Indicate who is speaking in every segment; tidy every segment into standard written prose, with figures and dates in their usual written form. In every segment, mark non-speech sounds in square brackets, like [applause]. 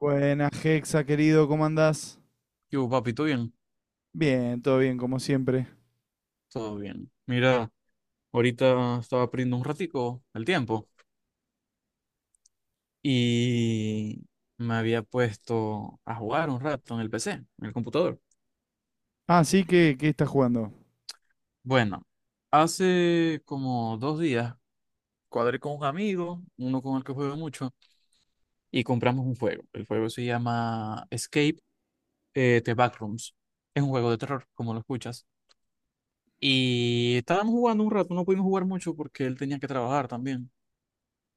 Speaker 1: Buenas, Hexa, querido, ¿cómo andás?
Speaker 2: Yo, papi, ¿todo bien?
Speaker 1: Bien, todo bien, como siempre.
Speaker 2: Todo bien. Mira, ahorita estaba perdiendo un ratico el tiempo y me había puesto a jugar un rato en el PC, en el computador.
Speaker 1: Ah, sí, ¿qué estás jugando?
Speaker 2: Bueno, hace como dos días cuadré con un amigo, uno con el que juego mucho, y compramos un juego. El juego se llama Escape the Backrooms. Es un juego de terror, como lo escuchas. Y estábamos jugando un rato, no pudimos jugar mucho porque él tenía que trabajar también.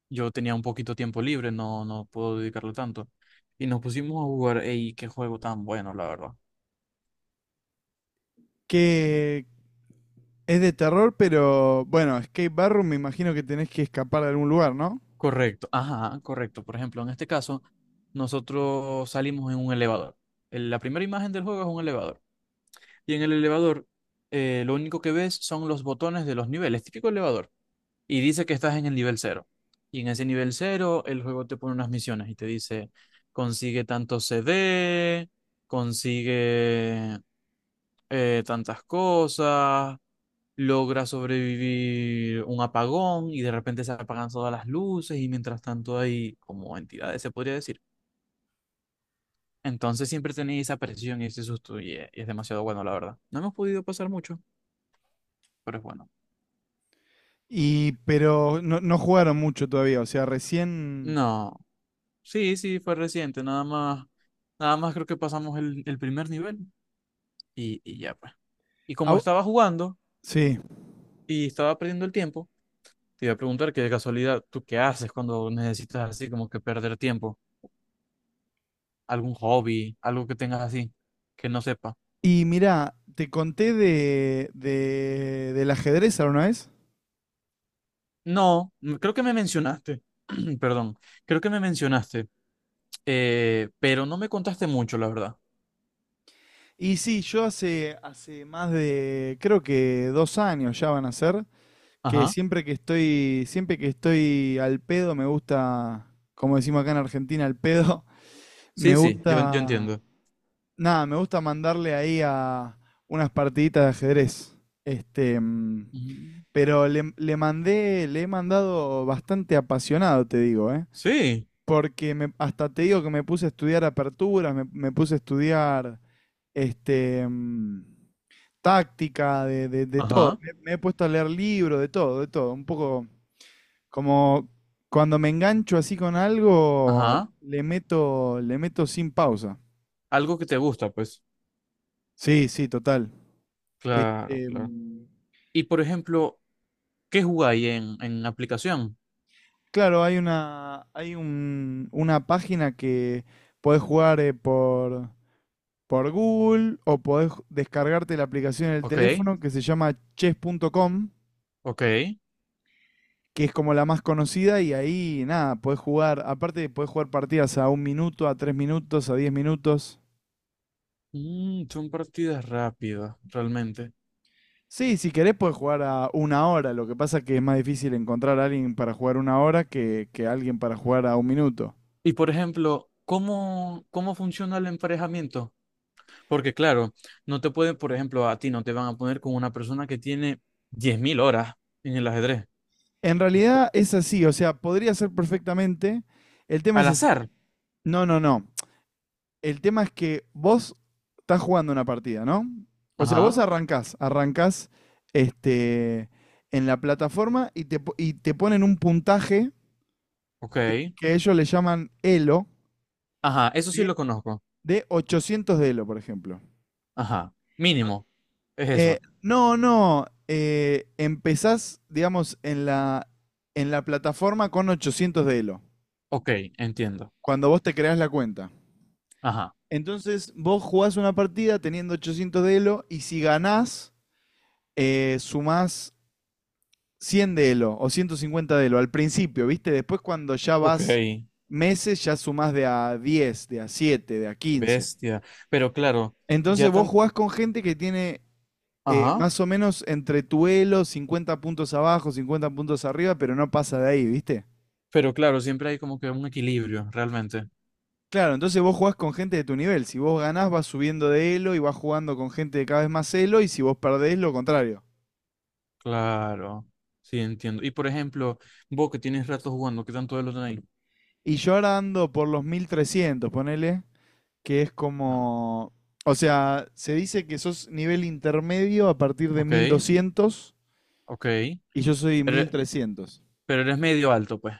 Speaker 2: Yo tenía un poquito tiempo libre, no puedo dedicarle tanto. Y nos pusimos a jugar, ey, qué juego tan bueno, la verdad.
Speaker 1: Que es de terror, pero bueno, Escape Barroom me imagino que tenés que escapar de algún lugar, ¿no?
Speaker 2: Correcto, ajá, correcto. Por ejemplo, en este caso, nosotros salimos en un elevador. La primera imagen del juego es un elevador. Y en el elevador, lo único que ves son los botones de los niveles, típico elevador. Y dice que estás en el nivel cero. Y en ese nivel cero, el juego te pone unas misiones y te dice, consigue tanto CD, consigue tantas cosas, logra sobrevivir un apagón y de repente se apagan todas las luces y mientras tanto hay como entidades, se podría decir. Entonces siempre tenéis esa presión y ese susto y es demasiado bueno, la verdad. No hemos podido pasar mucho, pero es bueno.
Speaker 1: Y, pero no jugaron mucho todavía, o sea, recién.
Speaker 2: No. Sí, sí, fue reciente, nada más, nada más creo que pasamos el primer nivel y ya pues. Y
Speaker 1: Ah,
Speaker 2: como estaba jugando
Speaker 1: sí.
Speaker 2: y estaba perdiendo el tiempo, te iba a preguntar que de casualidad, ¿tú qué haces cuando necesitas así como que perder tiempo? ¿Algún hobby, algo que tengas así, que no sepa?
Speaker 1: Y mirá, te conté del ajedrez alguna vez.
Speaker 2: No, m- creo que me mencionaste, [clears throat] perdón, creo que me mencionaste, pero no me contaste mucho, la verdad.
Speaker 1: Y sí, yo hace más de, creo que 2 años ya van a ser, que
Speaker 2: Ajá,
Speaker 1: siempre que estoy al pedo, me gusta, como decimos acá en Argentina, al pedo, [laughs]
Speaker 2: sí,
Speaker 1: me
Speaker 2: sí, yo
Speaker 1: gusta,
Speaker 2: entiendo.
Speaker 1: nada, me gusta mandarle ahí a unas partiditas de ajedrez. Este,
Speaker 2: Ujú.
Speaker 1: pero le he mandado bastante apasionado, te digo, ¿eh?
Speaker 2: Sí,
Speaker 1: Porque hasta te digo que me puse a estudiar aperturas, me puse a estudiar este, mm, táctica, de todo.
Speaker 2: ajá,
Speaker 1: Me he puesto a leer libros, de todo, de todo. Un poco, como cuando me engancho así con algo,
Speaker 2: ajá,
Speaker 1: le meto sin pausa.
Speaker 2: algo que te gusta, pues.
Speaker 1: Sí, sí, total.
Speaker 2: Claro,
Speaker 1: Este,
Speaker 2: claro. Y por ejemplo, ¿qué jugáis en aplicación?
Speaker 1: claro, hay una página que podés jugar por Google o podés descargarte la aplicación en el
Speaker 2: Ok,
Speaker 1: teléfono que se llama chess.com,
Speaker 2: ok.
Speaker 1: que es como la más conocida y ahí nada, podés jugar, aparte podés jugar partidas a 1 minuto, a 3 minutos, a 10 minutos.
Speaker 2: Mm, son partidas rápidas, realmente.
Speaker 1: Sí, si querés puedes jugar a 1 hora. Lo que pasa que es más difícil encontrar a alguien para jugar 1 hora que alguien para jugar a 1 minuto.
Speaker 2: Y por ejemplo, cómo funciona el emparejamiento? Porque claro, no te pueden, por ejemplo, a ti no te van a poner con una persona que tiene 10.000 horas en el ajedrez.
Speaker 1: En
Speaker 2: Es po-
Speaker 1: realidad es así, o sea, podría ser perfectamente. El tema
Speaker 2: Al
Speaker 1: es así.
Speaker 2: azar.
Speaker 1: No, no, no. El tema es que vos estás jugando una partida, ¿no? O sea, vos
Speaker 2: Ajá,
Speaker 1: arrancás este, en la plataforma y y te ponen un puntaje
Speaker 2: ok.
Speaker 1: que ellos le llaman Elo
Speaker 2: Ajá, eso sí
Speaker 1: de,
Speaker 2: lo conozco.
Speaker 1: de 800 de Elo, por ejemplo.
Speaker 2: Ajá, mínimo, es eso.
Speaker 1: No, no. Empezás, digamos, en la plataforma con 800 de Elo,
Speaker 2: Ok, entiendo.
Speaker 1: cuando vos te creás la cuenta.
Speaker 2: Ajá,
Speaker 1: Entonces, vos jugás una partida teniendo 800 de Elo y si ganás, sumás 100 de Elo o 150 de Elo al principio, ¿viste? Después, cuando ya vas
Speaker 2: ok.
Speaker 1: meses, ya sumás de a 10, de a 7, de a 15.
Speaker 2: Bestia. Pero claro,
Speaker 1: Entonces,
Speaker 2: ya
Speaker 1: vos
Speaker 2: tan...
Speaker 1: jugás con gente que tiene
Speaker 2: Ajá.
Speaker 1: más o menos entre Tuelo, 50 puntos abajo, 50 puntos arriba, pero no pasa de ahí, ¿viste?
Speaker 2: Pero claro, siempre hay como que un equilibrio, realmente.
Speaker 1: Claro, entonces vos jugás con gente de tu nivel. Si vos ganás, vas subiendo de Elo y vas jugando con gente de cada vez más Elo, y si vos perdés, lo contrario.
Speaker 2: Claro. Sí, entiendo. Y por ejemplo, vos que tienes rato jugando, ¿qué tanto de lo tenéis?
Speaker 1: Y yo ahora ando por los 1300 ponele, que es
Speaker 2: Ah,
Speaker 1: como. O sea, se dice que sos nivel intermedio a partir de
Speaker 2: ok,
Speaker 1: 1200
Speaker 2: ok.
Speaker 1: y yo soy mil
Speaker 2: Pero,
Speaker 1: trescientos
Speaker 2: pero eres medio alto, pues.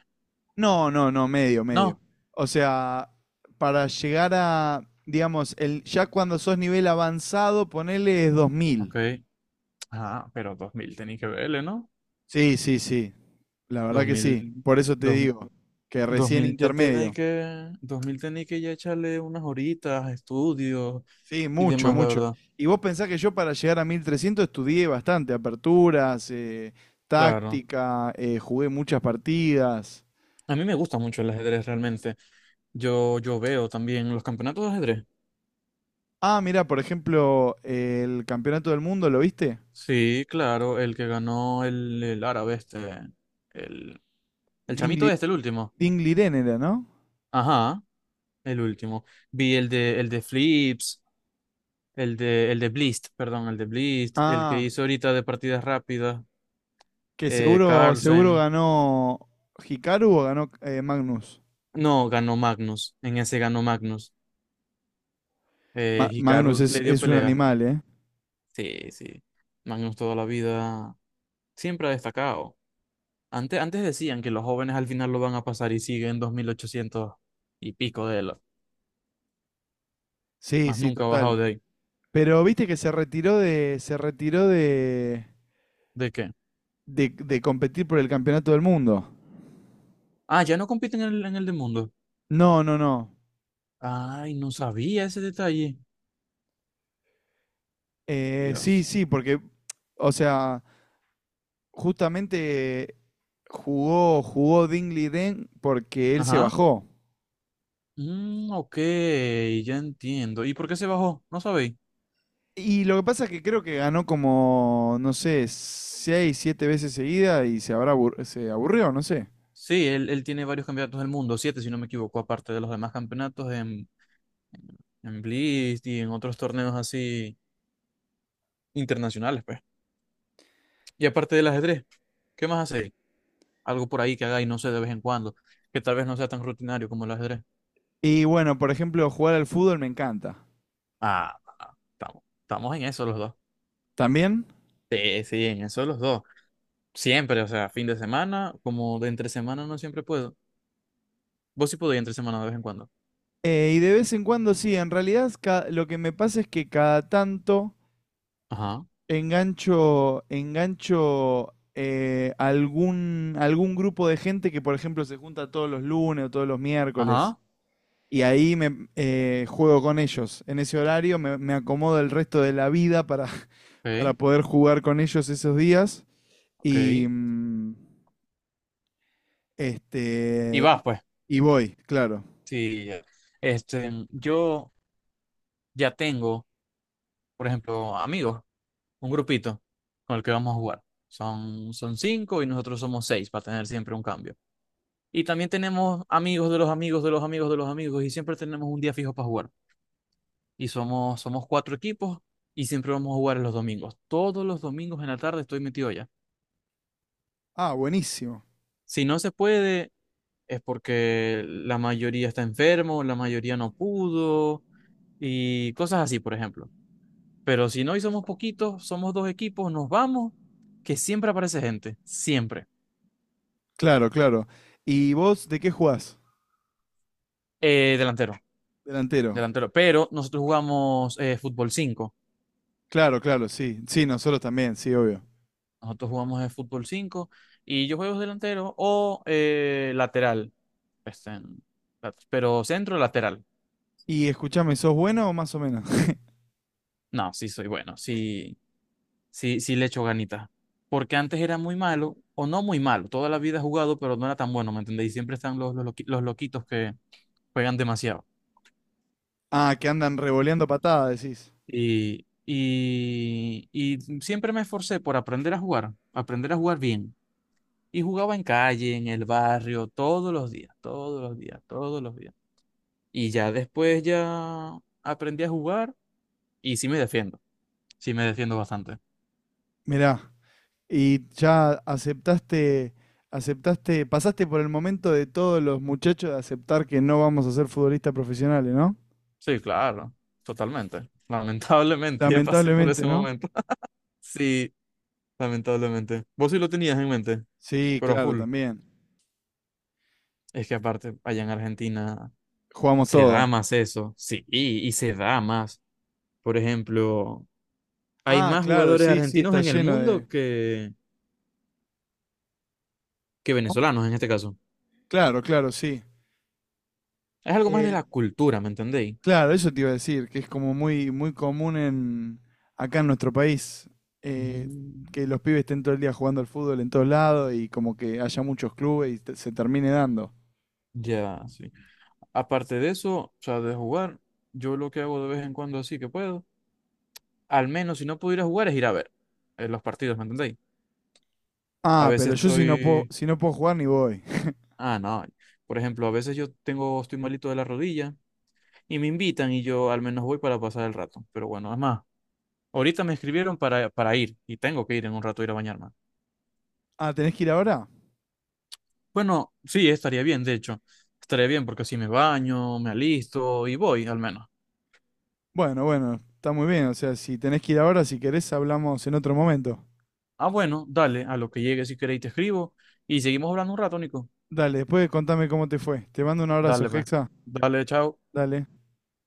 Speaker 1: No, no, no, medio, medio.
Speaker 2: No.
Speaker 1: O sea, para llegar a, digamos, el, ya cuando sos nivel avanzado, ponele es
Speaker 2: Ok.
Speaker 1: 2000.
Speaker 2: Ah, pero 2000 tenéis que verle, ¿no?
Speaker 1: Sí, sí, sí. La verdad
Speaker 2: Dos
Speaker 1: que sí.
Speaker 2: mil
Speaker 1: Por eso te
Speaker 2: dos,
Speaker 1: digo, que
Speaker 2: dos
Speaker 1: recién
Speaker 2: mil ya tenéis
Speaker 1: intermedio.
Speaker 2: que... 2000 tenéis que ya echarle unas horitas, estudios
Speaker 1: Sí,
Speaker 2: y
Speaker 1: mucho,
Speaker 2: demás, la
Speaker 1: mucho.
Speaker 2: verdad.
Speaker 1: Y vos pensás que yo para llegar a 1300 estudié bastante, aperturas,
Speaker 2: Claro.
Speaker 1: táctica, jugué muchas partidas.
Speaker 2: A mí me gusta mucho el ajedrez realmente. Yo veo también los campeonatos de ajedrez.
Speaker 1: Ah, mira, por ejemplo, el Campeonato del Mundo, ¿lo viste?
Speaker 2: Sí, claro, el que ganó el árabe este, el, el chamito
Speaker 1: Dingli,
Speaker 2: este, el último.
Speaker 1: Dinglirén era, ¿no?
Speaker 2: Ajá, el último. Vi el de Flips, el de Blist, perdón, el de Blist, el que
Speaker 1: Ah.
Speaker 2: hizo ahorita de partidas rápidas,
Speaker 1: Que seguro, seguro
Speaker 2: Carlsen.
Speaker 1: ganó Hikaru o ganó Magnus.
Speaker 2: No, ganó Magnus, en ese ganó Magnus.
Speaker 1: Magnus
Speaker 2: Hikaru
Speaker 1: es,
Speaker 2: le dio
Speaker 1: es un
Speaker 2: pelea.
Speaker 1: animal, ¿eh?
Speaker 2: Sí, sí. Magnus toda la vida siempre ha destacado. Antes, antes decían que los jóvenes al final lo van a pasar y siguen 2800 y pico de él.
Speaker 1: Sí,
Speaker 2: Más
Speaker 1: sí,
Speaker 2: nunca ha bajado
Speaker 1: total.
Speaker 2: de ahí.
Speaker 1: Pero viste que se retiró de, se retiró de,
Speaker 2: ¿De qué?
Speaker 1: de, de competir por el campeonato del mundo.
Speaker 2: Ah, ya no compiten en el de mundo.
Speaker 1: No, no, no.
Speaker 2: Ay, no sabía ese detalle.
Speaker 1: Sí,
Speaker 2: Dios.
Speaker 1: sí, porque, o sea, justamente jugó Dingley Den porque él se
Speaker 2: Ajá.
Speaker 1: bajó.
Speaker 2: Mm, ok, ya entiendo. ¿Y por qué se bajó? No sabéis.
Speaker 1: Y lo que pasa es que creo que ganó como, no sé, seis, siete veces seguida y se habrá se aburrió, no sé.
Speaker 2: Sí, él tiene varios campeonatos del mundo, siete si no me equivoco, aparte de los demás campeonatos en Blitz y en otros torneos así internacionales, pues. Y aparte del ajedrez, ¿qué más hace? Algo por ahí que hagáis, no sé, de vez en cuando, que tal vez no sea tan rutinario como el ajedrez.
Speaker 1: Y bueno, por ejemplo, jugar al fútbol me encanta.
Speaker 2: Ah, ah, estamos, estamos en eso los dos.
Speaker 1: ¿También?
Speaker 2: Sí, sí, en eso los dos. Siempre, o sea, fin de semana, como de entre semana no siempre puedo. Vos sí podés entre semana de vez en cuando.
Speaker 1: Y de vez en cuando sí, en realidad lo que me pasa es que cada tanto
Speaker 2: Ajá,
Speaker 1: engancho algún grupo de gente que, por ejemplo, se junta todos los lunes o todos los miércoles.
Speaker 2: ajá,
Speaker 1: Y ahí me juego con ellos. En ese horario me acomodo el resto de la vida para, [laughs] para
Speaker 2: ok,
Speaker 1: poder jugar con ellos esos días.
Speaker 2: ok.
Speaker 1: Y mm,
Speaker 2: Y
Speaker 1: este
Speaker 2: vas, pues.
Speaker 1: y voy, claro.
Speaker 2: Sí, ya. Este, yo ya tengo, por ejemplo, amigos, un grupito con el que vamos a jugar. Son cinco y nosotros somos seis para tener siempre un cambio. Y también tenemos amigos de los amigos de los amigos de los amigos y siempre tenemos un día fijo para jugar. Y somos, somos cuatro equipos y siempre vamos a jugar en los domingos. Todos los domingos en la tarde estoy metido allá.
Speaker 1: Ah, buenísimo.
Speaker 2: Si no se puede, es porque la mayoría está enfermo, la mayoría no pudo y cosas así, por ejemplo. Pero si no y somos poquitos, somos dos equipos, nos vamos, que siempre aparece gente, siempre.
Speaker 1: Claro, claro. ¿Y vos de qué jugás?
Speaker 2: Delantero,
Speaker 1: Delantero.
Speaker 2: delantero. Pero nosotros jugamos fútbol cinco.
Speaker 1: Claro, claro, sí. Sí, nosotros también, sí, obvio.
Speaker 2: Nosotros jugamos de fútbol 5 y yo juego delantero o lateral. Este, en- pero centro lateral.
Speaker 1: Y escuchame, ¿sos bueno o más o menos? [laughs]
Speaker 2: No, sí soy bueno, sí, sí, sí le echo ganitas. Porque antes era muy malo, o no muy malo, toda la vida he jugado, pero no era tan bueno, ¿me entendéis? Siempre están los loquitos que juegan demasiado.
Speaker 1: Ah, que andan revoleando patadas, decís.
Speaker 2: Y siempre me esforcé por aprender a jugar bien. Y jugaba en calle, en el barrio, todos los días, todos los días, todos los días. Y ya después ya aprendí a jugar y sí me defiendo bastante.
Speaker 1: Mirá. Y ya aceptaste, pasaste por el momento de todos los muchachos de aceptar que no vamos a ser futbolistas profesionales, ¿no?
Speaker 2: Sí, claro, totalmente. [laughs] Lamentablemente ya pasé por
Speaker 1: Lamentablemente,
Speaker 2: ese
Speaker 1: ¿no?
Speaker 2: momento. [laughs] Sí, lamentablemente. Vos sí lo tenías en mente,
Speaker 1: Sí,
Speaker 2: pero a
Speaker 1: claro,
Speaker 2: full.
Speaker 1: también.
Speaker 2: Es que aparte, allá en Argentina
Speaker 1: Jugamos
Speaker 2: se da
Speaker 1: todo.
Speaker 2: más eso, sí, y se da más. Por ejemplo, hay
Speaker 1: Ah,
Speaker 2: más
Speaker 1: claro,
Speaker 2: jugadores
Speaker 1: sí, sí,
Speaker 2: argentinos
Speaker 1: está
Speaker 2: en el
Speaker 1: lleno de.
Speaker 2: mundo que
Speaker 1: ¿Cómo?
Speaker 2: venezolanos en este caso.
Speaker 1: Claro, claro, sí.
Speaker 2: Es algo más de
Speaker 1: Eh,
Speaker 2: la cultura, ¿me entendéis?
Speaker 1: claro, eso te iba a decir, que es como muy, muy común acá en nuestro país, eh,
Speaker 2: Mm,
Speaker 1: que los pibes estén todo el día jugando al fútbol en todos lados y como que haya muchos clubes y se termine dando.
Speaker 2: ya, sí. Aparte de eso, o sea, de jugar, yo lo que hago de vez en cuando así que puedo, al menos si no pudiera jugar es ir a ver los partidos, ¿me entendéis? A
Speaker 1: Ah, pero
Speaker 2: veces
Speaker 1: yo si no puedo,
Speaker 2: estoy,
Speaker 1: si no puedo jugar ni voy.
Speaker 2: ah, no, por ejemplo, a veces yo tengo, estoy malito de la rodilla y me invitan y yo al menos voy para pasar el rato. Pero bueno, es más, ahorita me escribieron para ir y tengo que ir en un rato a ir a bañarme.
Speaker 1: Ah, ¿tenés que ir ahora?
Speaker 2: Bueno, sí, estaría bien, de hecho, estaría bien porque así me baño, me alisto y voy al menos.
Speaker 1: Bueno, bueno, está muy bien. O sea, si tenés que ir ahora, si querés, hablamos en otro momento.
Speaker 2: Ah, bueno, dale, a lo que llegue si queréis te escribo y seguimos hablando un rato, Nico.
Speaker 1: Dale, después contame cómo te fue. Te mando un abrazo,
Speaker 2: Dale, pues.
Speaker 1: Hexa.
Speaker 2: Dale, chao.
Speaker 1: Dale.